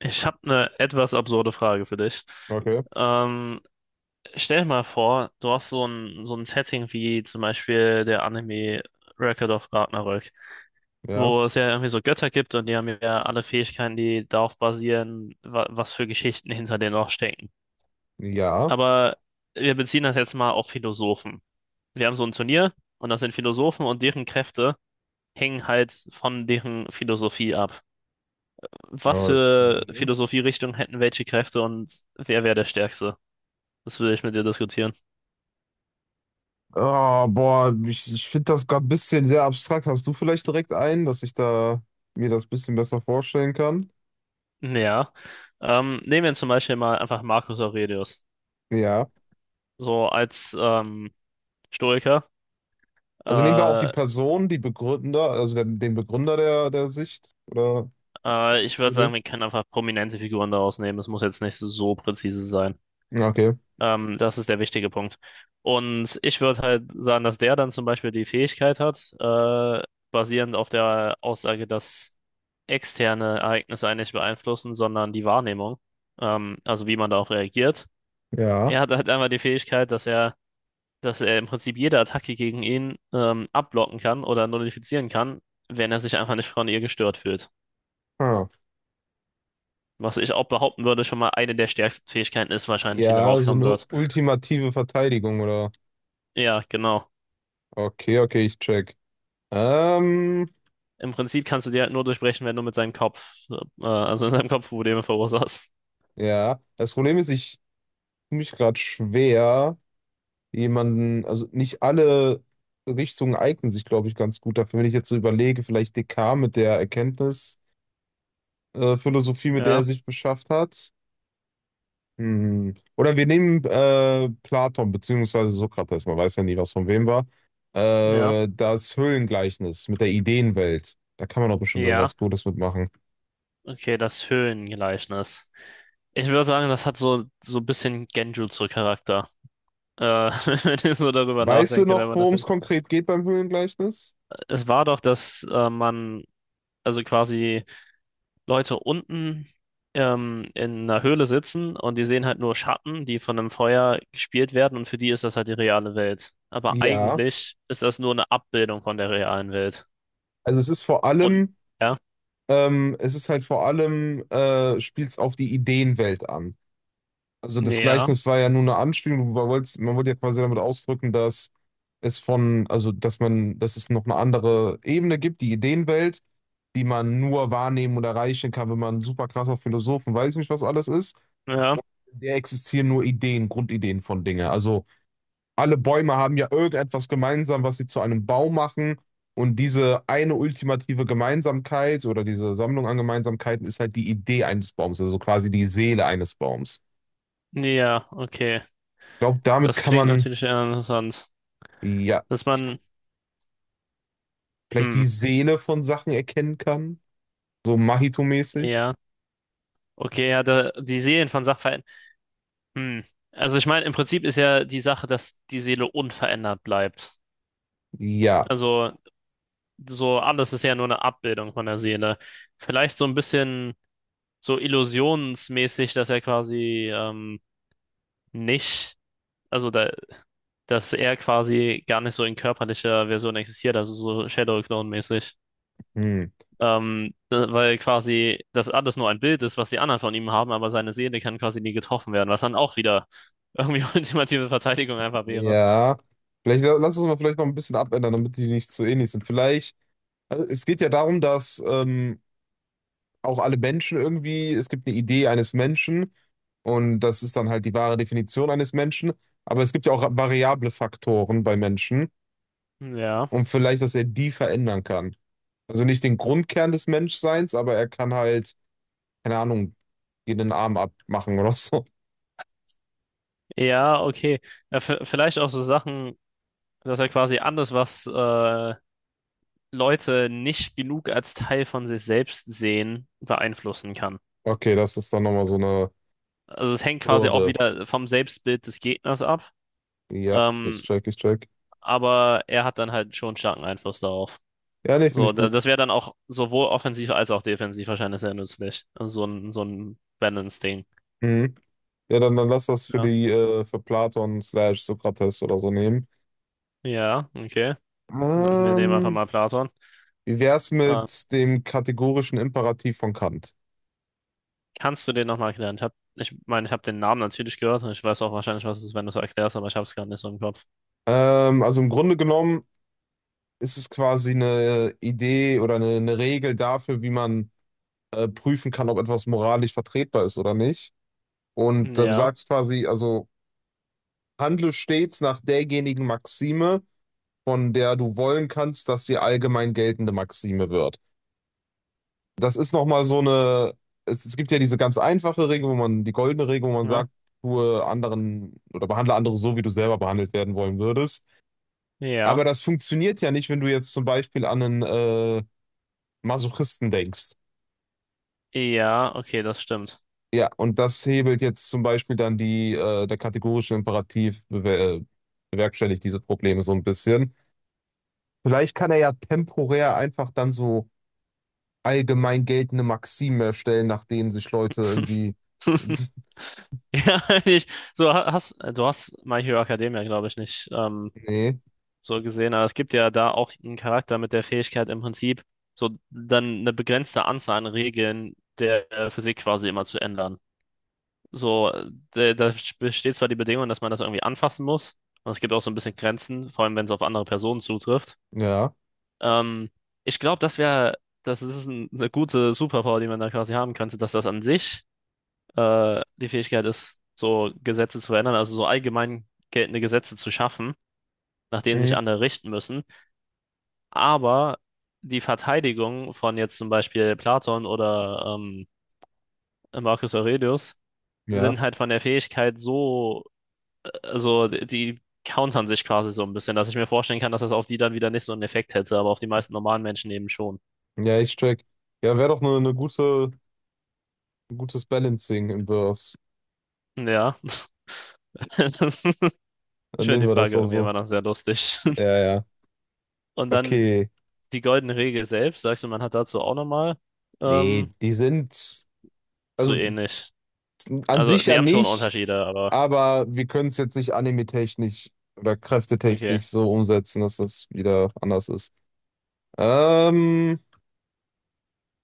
Ich habe eine etwas absurde Frage für dich. Okay, Ähm, Stell dir mal vor, du hast so ein Setting wie zum Beispiel der Anime Record of Ragnarök, ja, wo es ja irgendwie so Götter gibt und die haben ja alle Fähigkeiten, die darauf basieren, wa was für Geschichten hinter denen noch stecken. ja. Aber wir beziehen das jetzt mal auf Philosophen. Wir haben so ein Turnier und das sind Philosophen und deren Kräfte hängen halt von deren Philosophie ab. Was für Okay. Philosophierichtung hätten welche Kräfte und wer wäre der Stärkste? Das will ich mit dir diskutieren. Oh, boah, ich finde das gerade ein bisschen sehr abstrakt. Hast du vielleicht direkt einen, dass ich da mir das ein bisschen besser vorstellen kann? Ja. Nehmen wir zum Beispiel mal einfach Marcus Aurelius. Ja. So als Stoiker. Also nehmen wir auch die Äh, Person, die Begründer, also den Begründer der Sicht oder ich würde sagen, Idee. wir können einfach prominente Figuren daraus nehmen. Es muss jetzt nicht so präzise sein. Okay, Das ist der wichtige Punkt. Und ich würde halt sagen, dass der dann zum Beispiel die Fähigkeit hat, basierend auf der Aussage, dass externe Ereignisse einen nicht beeinflussen, sondern die Wahrnehmung. Also wie man darauf reagiert. ja. Er hat halt einmal die Fähigkeit, dass er im Prinzip jede Attacke gegen ihn abblocken kann oder nullifizieren kann, wenn er sich einfach nicht von ihr gestört fühlt. Ah. Was ich auch behaupten würde, schon mal eine der stärksten Fähigkeiten ist wahrscheinlich, die Ja, darauf so kommen eine wird. ultimative Verteidigung oder? Ja, genau. Okay, okay, ich check. Ähm, Im Prinzip kannst du die halt nur durchbrechen, wenn du mit seinem Kopf, also in seinem Kopf Probleme verursachst. ja. Das Problem ist, ich tue mich gerade schwer. Jemanden, also nicht alle Richtungen eignen sich, glaube ich, ganz gut dafür. Wenn ich jetzt so überlege, vielleicht Descartes mit der Erkenntnisphilosophie, Philosophie, mit der er Ja, sich beschäftigt hat. Hm. Oder wir nehmen Platon beziehungsweise Sokrates, man weiß ja nie, was von wem war. ja, Das Höhlengleichnis mit der Ideenwelt. Da kann man doch bestimmt ja. irgendwas Gutes mitmachen. Okay, das Höhlengleichnis. Ich würde sagen, das hat so, so ein bisschen Genjutsu-Charakter. Äh, wenn ich so darüber Weißt du nachdenke, wenn noch, man das worum es jetzt. konkret geht beim Höhlengleichnis? Es war doch, dass man also quasi Leute unten in einer Höhle sitzen und die sehen halt nur Schatten, die von einem Feuer gespielt werden und für die ist das halt die reale Welt. Aber Ja. eigentlich ist das nur eine Abbildung von der realen Welt. Also es ist vor Und allem ja, es ist halt vor allem, spielt es auf die Ideenwelt an. Also das ja, Gleichnis war ja nur eine Anspielung, man wollte ja quasi damit ausdrücken, dass es von, also dass man, dass es noch eine andere Ebene gibt, die Ideenwelt, die man nur wahrnehmen und erreichen kann, wenn man ein super krasser Philosoph und weiß nicht, was alles ist. ja, Der existieren nur Ideen, Grundideen von Dingen. Also alle Bäume haben ja irgendetwas gemeinsam, was sie zu einem Baum machen. Und diese eine ultimative Gemeinsamkeit oder diese Sammlung an Gemeinsamkeiten ist halt die Idee eines Baums, also quasi die Seele eines Baums. ja, okay. Ich glaube, damit Das kann klingt man, natürlich eher interessant. ja, Dass man, vielleicht hm, die Seele von Sachen erkennen kann. So Mahito-mäßig. ja, okay, ja, da, die Seelen von Sachverhalten, hm. Also ich meine, im Prinzip ist ja die Sache, dass die Seele unverändert bleibt. Ja. Also so alles ist ja nur eine Abbildung von der Seele. Vielleicht so ein bisschen so illusionsmäßig, dass er quasi nicht, also da, dass er quasi gar nicht so in körperlicher Version existiert, also so Shadow Clone-mäßig. Hm. Weil quasi das alles nur ein Bild ist, was die anderen von ihm haben, aber seine Seele kann quasi nie getroffen werden, was dann auch wieder irgendwie ultimative Verteidigung einfach wäre. Ja. Vielleicht lass uns mal vielleicht noch ein bisschen abändern, damit die nicht so ähnlich sind. Vielleicht, also es geht ja darum, dass auch alle Menschen irgendwie, es gibt eine Idee eines Menschen und das ist dann halt die wahre Definition eines Menschen, aber es gibt ja auch variable Faktoren bei Menschen Ja, und vielleicht, dass er die verändern kann. Also nicht den Grundkern des Menschseins, aber er kann halt, keine Ahnung, dir den Arm abmachen oder so. ja, okay. Ja, vielleicht auch so Sachen, dass er quasi alles, was Leute nicht genug als Teil von sich selbst sehen, beeinflussen kann. Okay, das ist dann nochmal so eine Also es hängt quasi auch Hürde. wieder vom Selbstbild des Gegners ab, Ja, ich ähm, check, ich check. aber er hat dann halt schon starken Einfluss darauf. Ja, nee, finde So, ich gut. das wäre dann auch sowohl offensiv als auch defensiv wahrscheinlich sehr nützlich. Also so ein Balance-Ding. Mhm. Ja, dann lass das für Ja. die für Platon slash Sokrates oder so nehmen. Ja, okay. Dann- wir nehmen einfach Ähm, mal Platon. Wie wär's Ähm, mit dem kategorischen Imperativ von Kant? kannst du den nochmal erklären? Hab, ich meine, ich habe den Namen natürlich gehört und ich weiß auch wahrscheinlich, was es ist, wenn du es erklärst, aber ich habe es gerade nicht so im Kopf. Also im Grunde genommen ist es quasi eine Idee oder eine Regel dafür, wie man prüfen kann, ob etwas moralisch vertretbar ist oder nicht. Und du Ja, sagst quasi, also handle stets nach derjenigen Maxime, von der du wollen kannst, dass sie allgemein geltende Maxime wird. Das ist nochmal so eine, es gibt ja diese ganz einfache Regel, wo man, die goldene Regel, wo man ja, sagt, tue anderen oder behandle andere so, wie du selber behandelt werden wollen würdest. ja. Aber das funktioniert ja nicht, wenn du jetzt zum Beispiel an einen Masochisten denkst. Ja, okay, das stimmt. Ja, und das hebelt jetzt zum Beispiel dann die, der kategorische Imperativ bewerkstelligt diese Probleme so ein bisschen. Vielleicht kann er ja temporär einfach dann so allgemein geltende Maximen erstellen, nach denen sich Leute irgendwie. Ja, ich, so hast du hast My Hero Academia, glaube ich, nicht Nee, so gesehen, aber es gibt ja da auch einen Charakter mit der Fähigkeit im Prinzip so dann eine begrenzte Anzahl an Regeln der Physik quasi immer zu ändern. So, da besteht zwar die Bedingung, dass man das irgendwie anfassen muss, und es gibt auch so ein bisschen Grenzen, vor allem wenn es auf andere Personen zutrifft. ja, Ähm, ich glaube, das wäre, das ist eine gute Superpower, die man da quasi haben könnte, dass das an sich die Fähigkeit ist, so Gesetze zu verändern, also so allgemein geltende Gesetze zu schaffen, nach denen sich mhm. andere richten müssen. Aber die Verteidigung von jetzt zum Beispiel Platon oder Marcus Aurelius Ja, sind halt von der Fähigkeit so, also die countern sich quasi so ein bisschen, dass ich mir vorstellen kann, dass das auf die dann wieder nicht so einen Effekt hätte, aber auf die meisten normalen Menschen eben schon. ja, ich check. Ja, wäre doch nur eine gute, ein gutes Balancing im Verse. Ja, das ist- ich Dann finde nehmen die wir das Frage auch irgendwie so. immer noch sehr lustig. Ja, ja. Und dann Okay. die goldene Regel selbst, sagst du, man hat dazu auch nochmal ähm, Nee, die sind, zu also ähnlich. an Also, sich die ja haben schon nicht, Unterschiede, aber aber wir können es jetzt nicht anime-technisch oder okay. kräftetechnisch so umsetzen, dass das wieder anders ist. Ähm,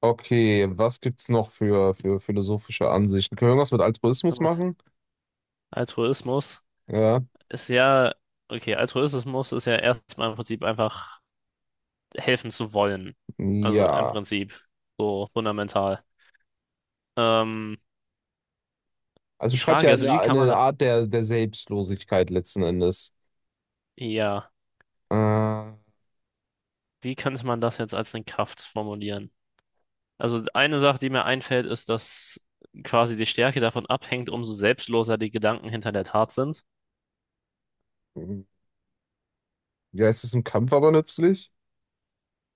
okay, was gibt's noch für philosophische Ansichten? Können wir irgendwas mit Altruismus Warte. machen? Altruismus Ja, ist ja, okay, Altruismus ist ja erstmal im Prinzip einfach helfen zu wollen. Also im ja. Prinzip so fundamental. Ähm, Also die schreibt Frage ja ist, wie kann man eine da, Art der Selbstlosigkeit letzten Endes. ja, Ja, wie könnte man das jetzt als eine Kraft formulieren? Also, eine Sache, die mir einfällt, ist, dass quasi die Stärke davon abhängt, umso selbstloser die Gedanken hinter der Tat sind. es ist im Kampf aber nützlich.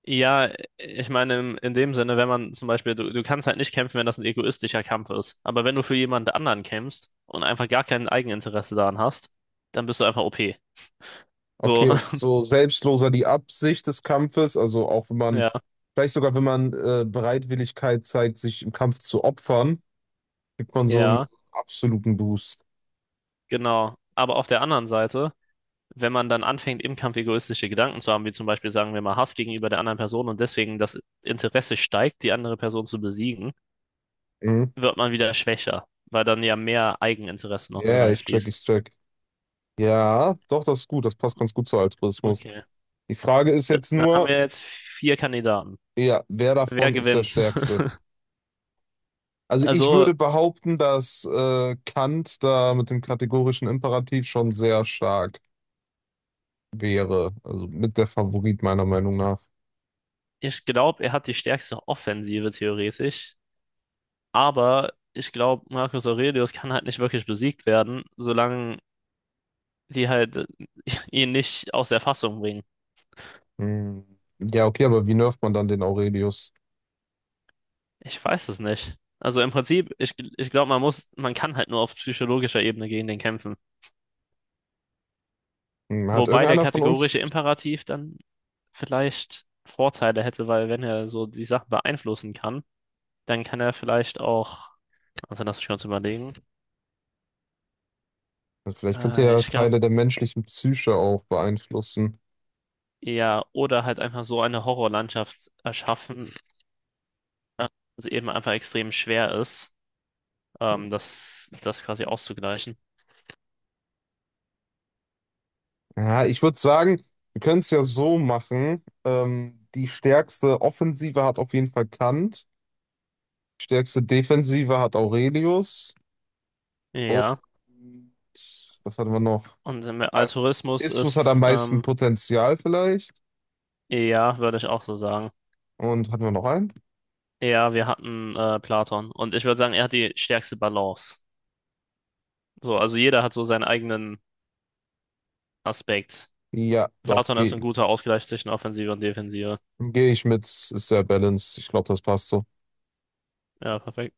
Ja, ich meine, in dem Sinne, wenn man zum Beispiel, du kannst halt nicht kämpfen, wenn das ein egoistischer Kampf ist. Aber wenn du für jemand anderen kämpfst und einfach gar kein Eigeninteresse daran hast, dann bist du einfach OP. Okay, So, und so selbstloser die Absicht des Kampfes, also auch wenn man, ja, vielleicht sogar wenn man Bereitwilligkeit zeigt, sich im Kampf zu opfern, kriegt man so einen ja, absoluten Boost. genau. Aber auf der anderen Seite, wenn man dann anfängt, im Kampf egoistische Gedanken zu haben, wie zum Beispiel, sagen wir mal, Hass gegenüber der anderen Person und deswegen das Interesse steigt, die andere Person zu besiegen, Mhm. wird man wieder schwächer, weil dann ja mehr Eigeninteresse noch mit Ja, ich check, reinfließt. ich check. Ja, doch, das ist gut, das passt ganz gut zu Altruismus. Okay. Die Frage ist jetzt Dann haben nur, wir jetzt vier Kandidaten. ja, wer Wer davon ist der gewinnt? Stärkste? Also ich Also, würde behaupten, dass Kant da mit dem kategorischen Imperativ schon sehr stark wäre, also mit der Favorit meiner Meinung nach. ich glaube, er hat die stärkste Offensive theoretisch, aber ich glaube, Marcus Aurelius kann halt nicht wirklich besiegt werden, solange die halt ihn nicht aus der Fassung bringen. Hm. Ja, okay, aber wie nervt man dann den Aurelius? Ich weiß es nicht. Also im Prinzip, ich glaube, man muss, man kann halt nur auf psychologischer Ebene gegen den kämpfen. Hm, Hat Wobei der irgendeiner von uns, kategorische Imperativ dann vielleicht Vorteile hätte, weil wenn er so die Sachen beeinflussen kann, dann kann er vielleicht auch, also lass mich kurz überlegen. vielleicht könnte Äh, er ich glaube, Teile der menschlichen Psyche auch beeinflussen. Ja, oder halt einfach so eine Horrorlandschaft erschaffen, dass eben einfach extrem schwer ist, das quasi auszugleichen. Ja, ich würde sagen, wir können es ja so machen. Die stärkste Offensive hat auf jeden Fall Kant, die stärkste Defensive hat Aurelius und Ja, was hatten wir noch? und im Altruismus Istus hat am ist, meisten Potenzial vielleicht. ja, würde ich auch so sagen. Und hatten wir noch einen? Ja, wir hatten Platon und ich würde sagen, er hat die stärkste Balance. So, also jeder hat so seinen eigenen Aspekt. Ja, doch, Platon ist gehe ein geh guter Ausgleich zwischen Offensive und Defensive. geh ich mit, ist sehr balanced. Ich glaube, das passt so. Ja, perfekt.